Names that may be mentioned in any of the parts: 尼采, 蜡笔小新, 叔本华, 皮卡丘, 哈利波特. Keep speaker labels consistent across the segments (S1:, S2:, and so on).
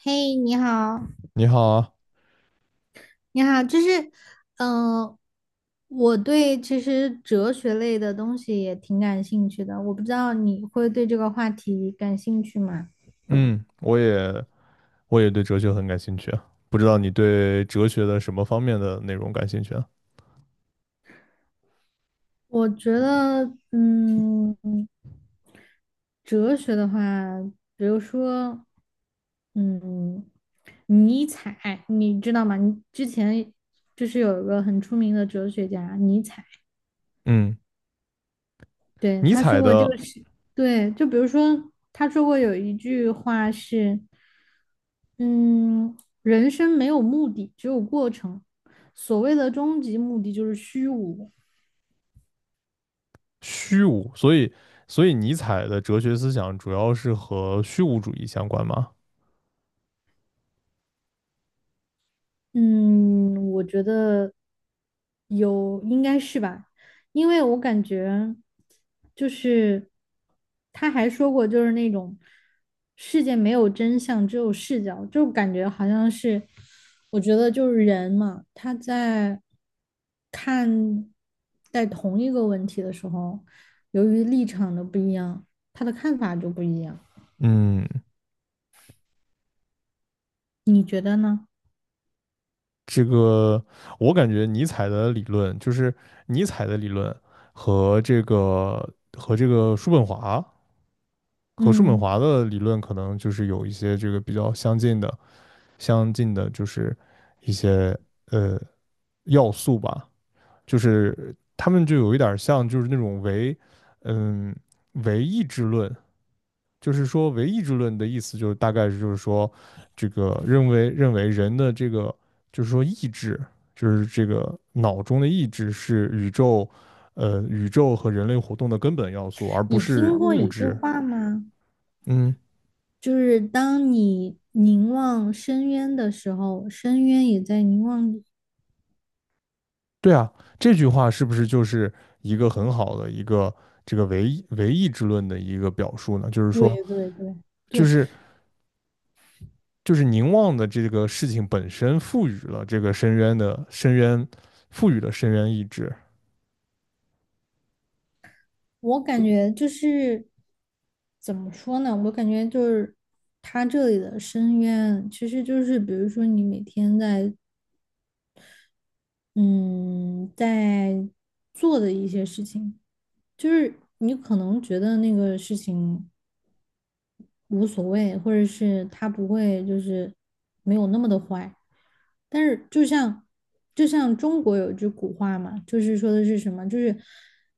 S1: 嘿，你好，
S2: 你好啊。
S1: 你好，嗯、我对其实哲学类的东西也挺感兴趣的，我不知道你会对这个话题感兴趣吗？
S2: 嗯，我也我也对哲学很感兴趣啊，不知道你对哲学的什么方面的内容感兴趣啊？
S1: 我觉得，哲学的话，比如说，嗯，尼采，你知道吗？你之前就是有一个很出名的哲学家尼采。
S2: 嗯，
S1: 对，
S2: 尼
S1: 他说
S2: 采
S1: 过这
S2: 的
S1: 个是，对，就比如说他说过有一句话是，嗯，人生没有目的，只有过程。所谓的终极目的就是虚无。
S2: 虚无，所以尼采的哲学思想主要是和虚无主义相关吗？
S1: 嗯，我觉得有，应该是吧，因为我感觉就是他还说过，就是那种世界没有真相，只有视角，就感觉好像是，我觉得就是人嘛，他在看待同一个问题的时候，由于立场的不一样，他的看法就不一样，
S2: 嗯，
S1: 你觉得呢？
S2: 这个我感觉尼采的理论，尼采的理论和这个和这个叔本华叔本
S1: 嗯，
S2: 华的理论，可能就是有一些这个比较相近的相近的，就是一些呃要素吧，就是他们就有一点儿像，就是那种嗯唯意志论。就是说唯意志论的意思就是大概是就是说，这个认为人的这个就是说意志，就是这个脑中的意志是宇宙，宇宙和人类活动的根本要素，而不
S1: 你
S2: 是
S1: 听过
S2: 物
S1: 一句
S2: 质。
S1: 话吗？
S2: 嗯，
S1: 就是当你凝望深渊的时候，深渊也在凝望你。
S2: 对啊，这句话是不是就是一个很好的一个这个唯意志论的一个表述呢？就是说，
S1: 对对对
S2: 就
S1: 对，
S2: 是就是凝望的这个事情本身赋予了这个深渊，赋予了深渊意志。
S1: 我感觉就是怎么说呢？我感觉就是他这里的深渊，其实就是比如说你每天在做的一些事情，就是你可能觉得那个事情无所谓，或者是他不会没有那么的坏。但是就像中国有句古话嘛，就是说的是什么？就是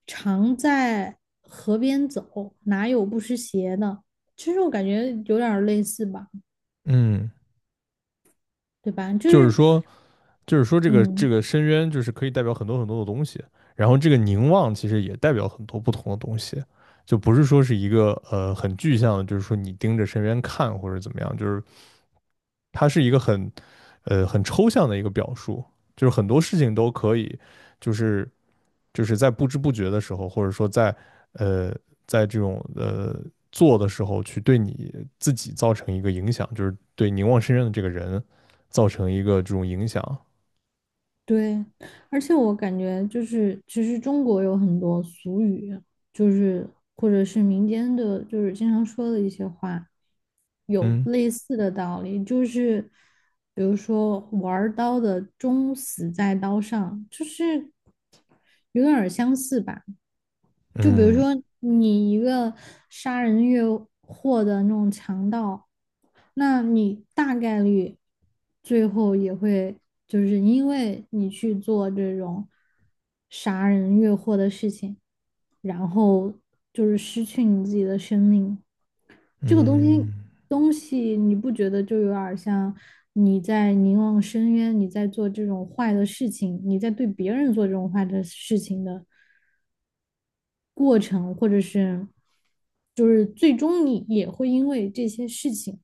S1: 常在河边走，哪有不湿鞋的？其实我感觉有点类似吧，
S2: 嗯。
S1: 对吧？
S2: 就是说，就是说这个
S1: 嗯，
S2: 深渊就是可以代表很多的东西，然后这个凝望其实也代表很多不同的东西，就不是说是一个很具象的，就是说你盯着深渊看或者怎么样，就是它是一个很抽象的一个表述，就是很多事情都可以，就是就是在不知不觉的时候，或者说在呃在这种做的时候去对你自己造成一个影响，就是对凝望深渊的这个人造成一个这种影响。
S1: 对，而且我感觉就是其实中国有很多俗语，就是或者是民间的，就是经常说的一些话。有
S2: 嗯
S1: 类似的道理，就是比如说玩刀的终死在刀上，就是有点儿相似吧。就比如
S2: 嗯
S1: 说你一个杀人越货的那种强盗，那你大概率最后也会就是因为你去做这种杀人越货的事情，然后就是失去你自己的生命。这个东西
S2: 嗯
S1: 东西，你不觉得就有点像你在凝望深渊，你在做这种坏的事情，你在对别人做这种坏的事情的过程，或者是就是最终你也会因为这些事情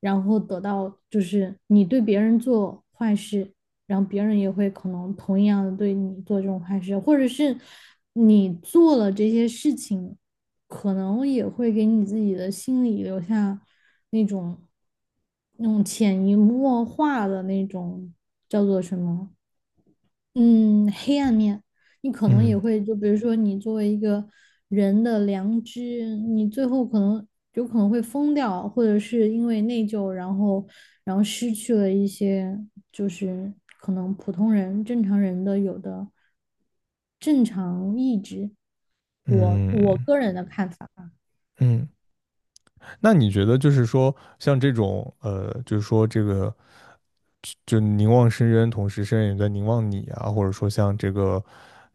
S1: 然后得到就是你对别人做坏事，然后别人也会可能同样的对你做这种坏事，或者是你做了这些事情，可能也会给你自己的心里留下那种那种潜移默化的那种叫做什么嗯，黑暗面，你可能也
S2: 嗯
S1: 会，就比如说你作为一个人的良知，你最后可能有可能会疯掉，或者是因为内疚，然后失去了一些，就是可能普通人、正常人的有的正常意志。我
S2: 嗯
S1: 我个人的看法，
S2: 嗯，那你觉得就是说，像这种就是说这个，就凝望深渊，同时深渊也在凝望你啊，或者说像这个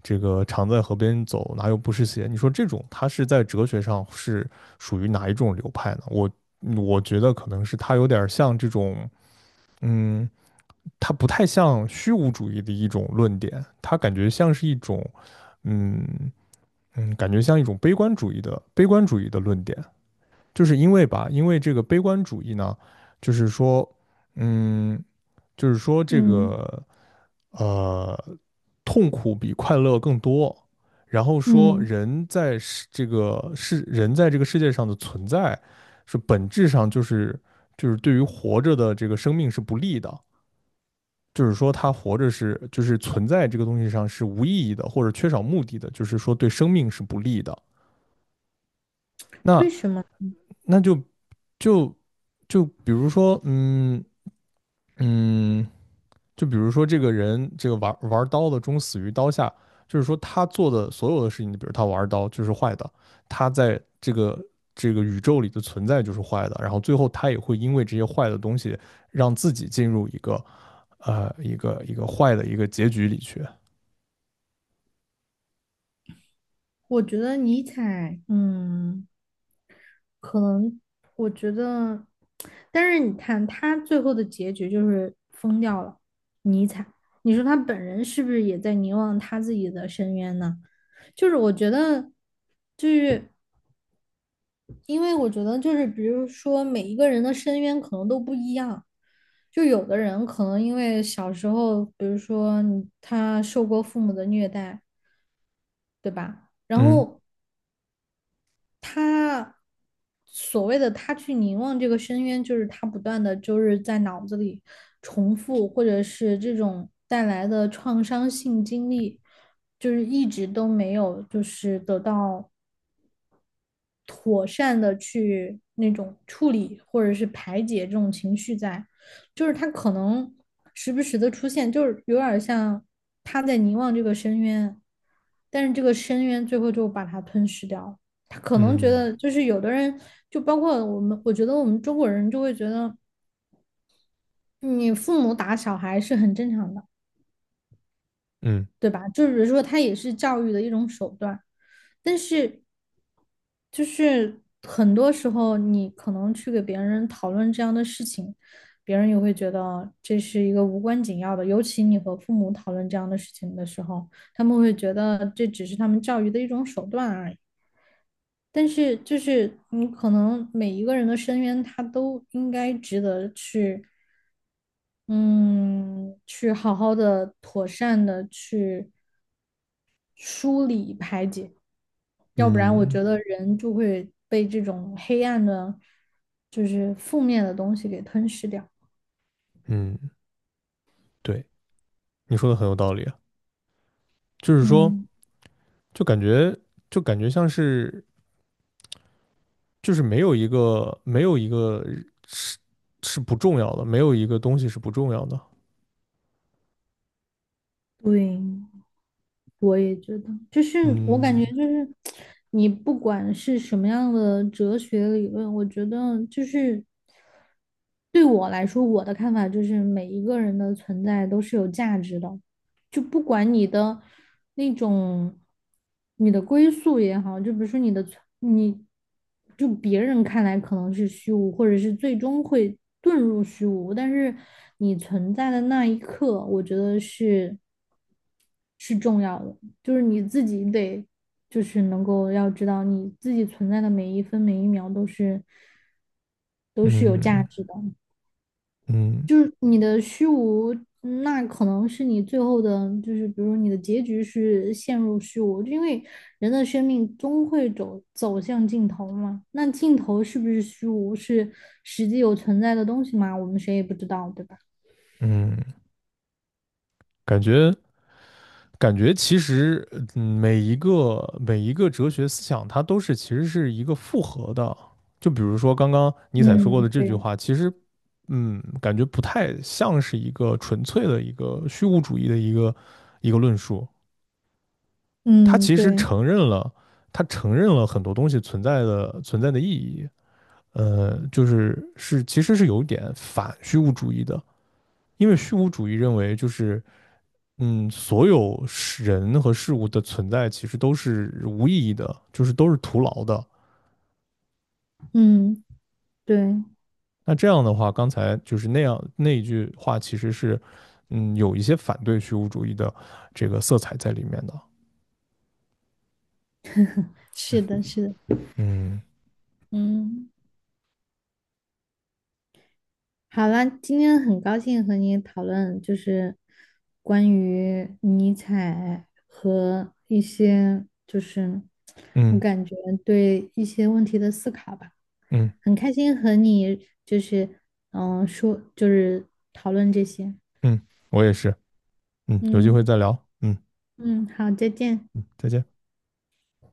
S2: 常在河边走，哪有不湿鞋？你说这种，它是在哲学上是属于哪一种流派呢？我觉得可能是它有点儿像这种，嗯。它不太像虚无主义的一种论点，它感觉像是一种，嗯嗯，感觉像一种悲观主义的论点，就是因为吧，因为这个悲观主义呢，就是说，嗯，就是说这
S1: 嗯
S2: 个，呃，痛苦比快乐更多，然后说
S1: 嗯，
S2: 人在这个世界上的存在，是本质上就是对于活着的这个生命是不利的。就是说他活着是就是存在这个东西上是无意义的，或者缺少目的的，就是说对生命是不利的。
S1: 为
S2: 那
S1: 什么？
S2: 那就就就比如说，嗯，就比如说这个人这个玩刀的终死于刀下，就是说他做的所有的事情，比如他玩刀就是坏的，他在这个宇宙里的存在就是坏的，然后最后他也会因为这些坏的东西让自己进入一个坏的一个结局里去。
S1: 我觉得尼采，嗯。可能我觉得，但是你看他最后的结局就是疯掉了，尼采。你说他本人是不是也在凝望他自己的深渊呢？就是我觉得，就是因为我觉得就是比如说每一个人的深渊可能都不一样，就有的人可能因为小时候，比如说你他受过父母的虐待，对吧？然
S2: 嗯
S1: 后他所谓的他去凝望这个深渊，就是他不断的就是在脑子里重复，或者是这种带来的创伤性经历，就是一直都没有就是得到妥善的去那种处理或者是排解这种情绪在，就是他可能时不时的出现，就是有点像他在凝望这个深渊，但是这个深渊最后就把他吞噬掉了。他可能觉
S2: 嗯
S1: 得，就是有的人，就包括我们，我觉得我们中国人就会觉得，嗯你父母打小孩是很正常的。
S2: 嗯
S1: 对吧？就是说，它也是教育的一种手段，但是就是很多时候，你可能去给别人讨论这样的事情，别人也会觉得这是一个无关紧要的。尤其你和父母讨论这样的事情的时候，他们会觉得这只是他们教育的一种手段而已。但是，就是你可能每一个人的深渊，他都应该值得去，嗯，去好好的、妥善的去。梳理排解，要不然我
S2: 嗯
S1: 觉得人就会被这种黑暗的，就是负面的东西给吞噬掉。
S2: 嗯，对，你说的很有道理啊。就是说，
S1: 嗯，
S2: 就感觉就感觉像是就是没有一个是是不重要的，没有一个东西是不重要的。
S1: 对。我也觉得，就是我感觉
S2: 嗯
S1: 就是你不管是什么样的哲学理论，我觉得就是对我来说，我的看法就是每一个人的存在都是有价值的，就不管你的那种你的归宿也好，就比如说你的存你就别人看来可能是虚无，或者是最终会遁入虚无，但是你存在的那一刻，我觉得是。是重要的，就是你自己得，就是能够要知道你自己存在的每一分每一秒都是有价
S2: 嗯
S1: 值的，
S2: 嗯
S1: 就是你的虚无，那可能是你最后的，就是比如你的结局是陷入虚无，因为人的生命终会走向尽头嘛，那尽头是不是虚无，是实际有存在的东西吗？我们谁也不知道，对吧？
S2: 嗯，感觉感觉其实，嗯，每一个哲学思想，它都是其实是一个复合的。就比如说刚刚尼采说过
S1: 嗯，
S2: 的这句
S1: 对，
S2: 话，其实，嗯，感觉不太像是一个纯粹的一个虚无主义的一个论述。它
S1: 嗯，
S2: 其实
S1: 对，
S2: 承认了，它承认了很多东西存在的意义。就是是其实是有一点反虚无主义的，因为虚无主义认为就是嗯，所有事人和事物的存在其实都是无意义的，就是都是徒劳的。
S1: 嗯，对，
S2: 那这样的话，刚才就是那样那一句话，其实是，嗯，有一些反对虚无主义的这个色彩在里面的。
S1: 是的，是的。
S2: 嗯
S1: 嗯，好了，今天很高兴和你讨论，就是关于尼采和一些，就是我
S2: 嗯
S1: 感觉对一些问题的思考吧。
S2: 嗯
S1: 很开心和你就是说就是讨论这些。
S2: 嗯，我也是。嗯，有机会
S1: 嗯
S2: 再聊。嗯
S1: 嗯，好，再见。
S2: 嗯，再见。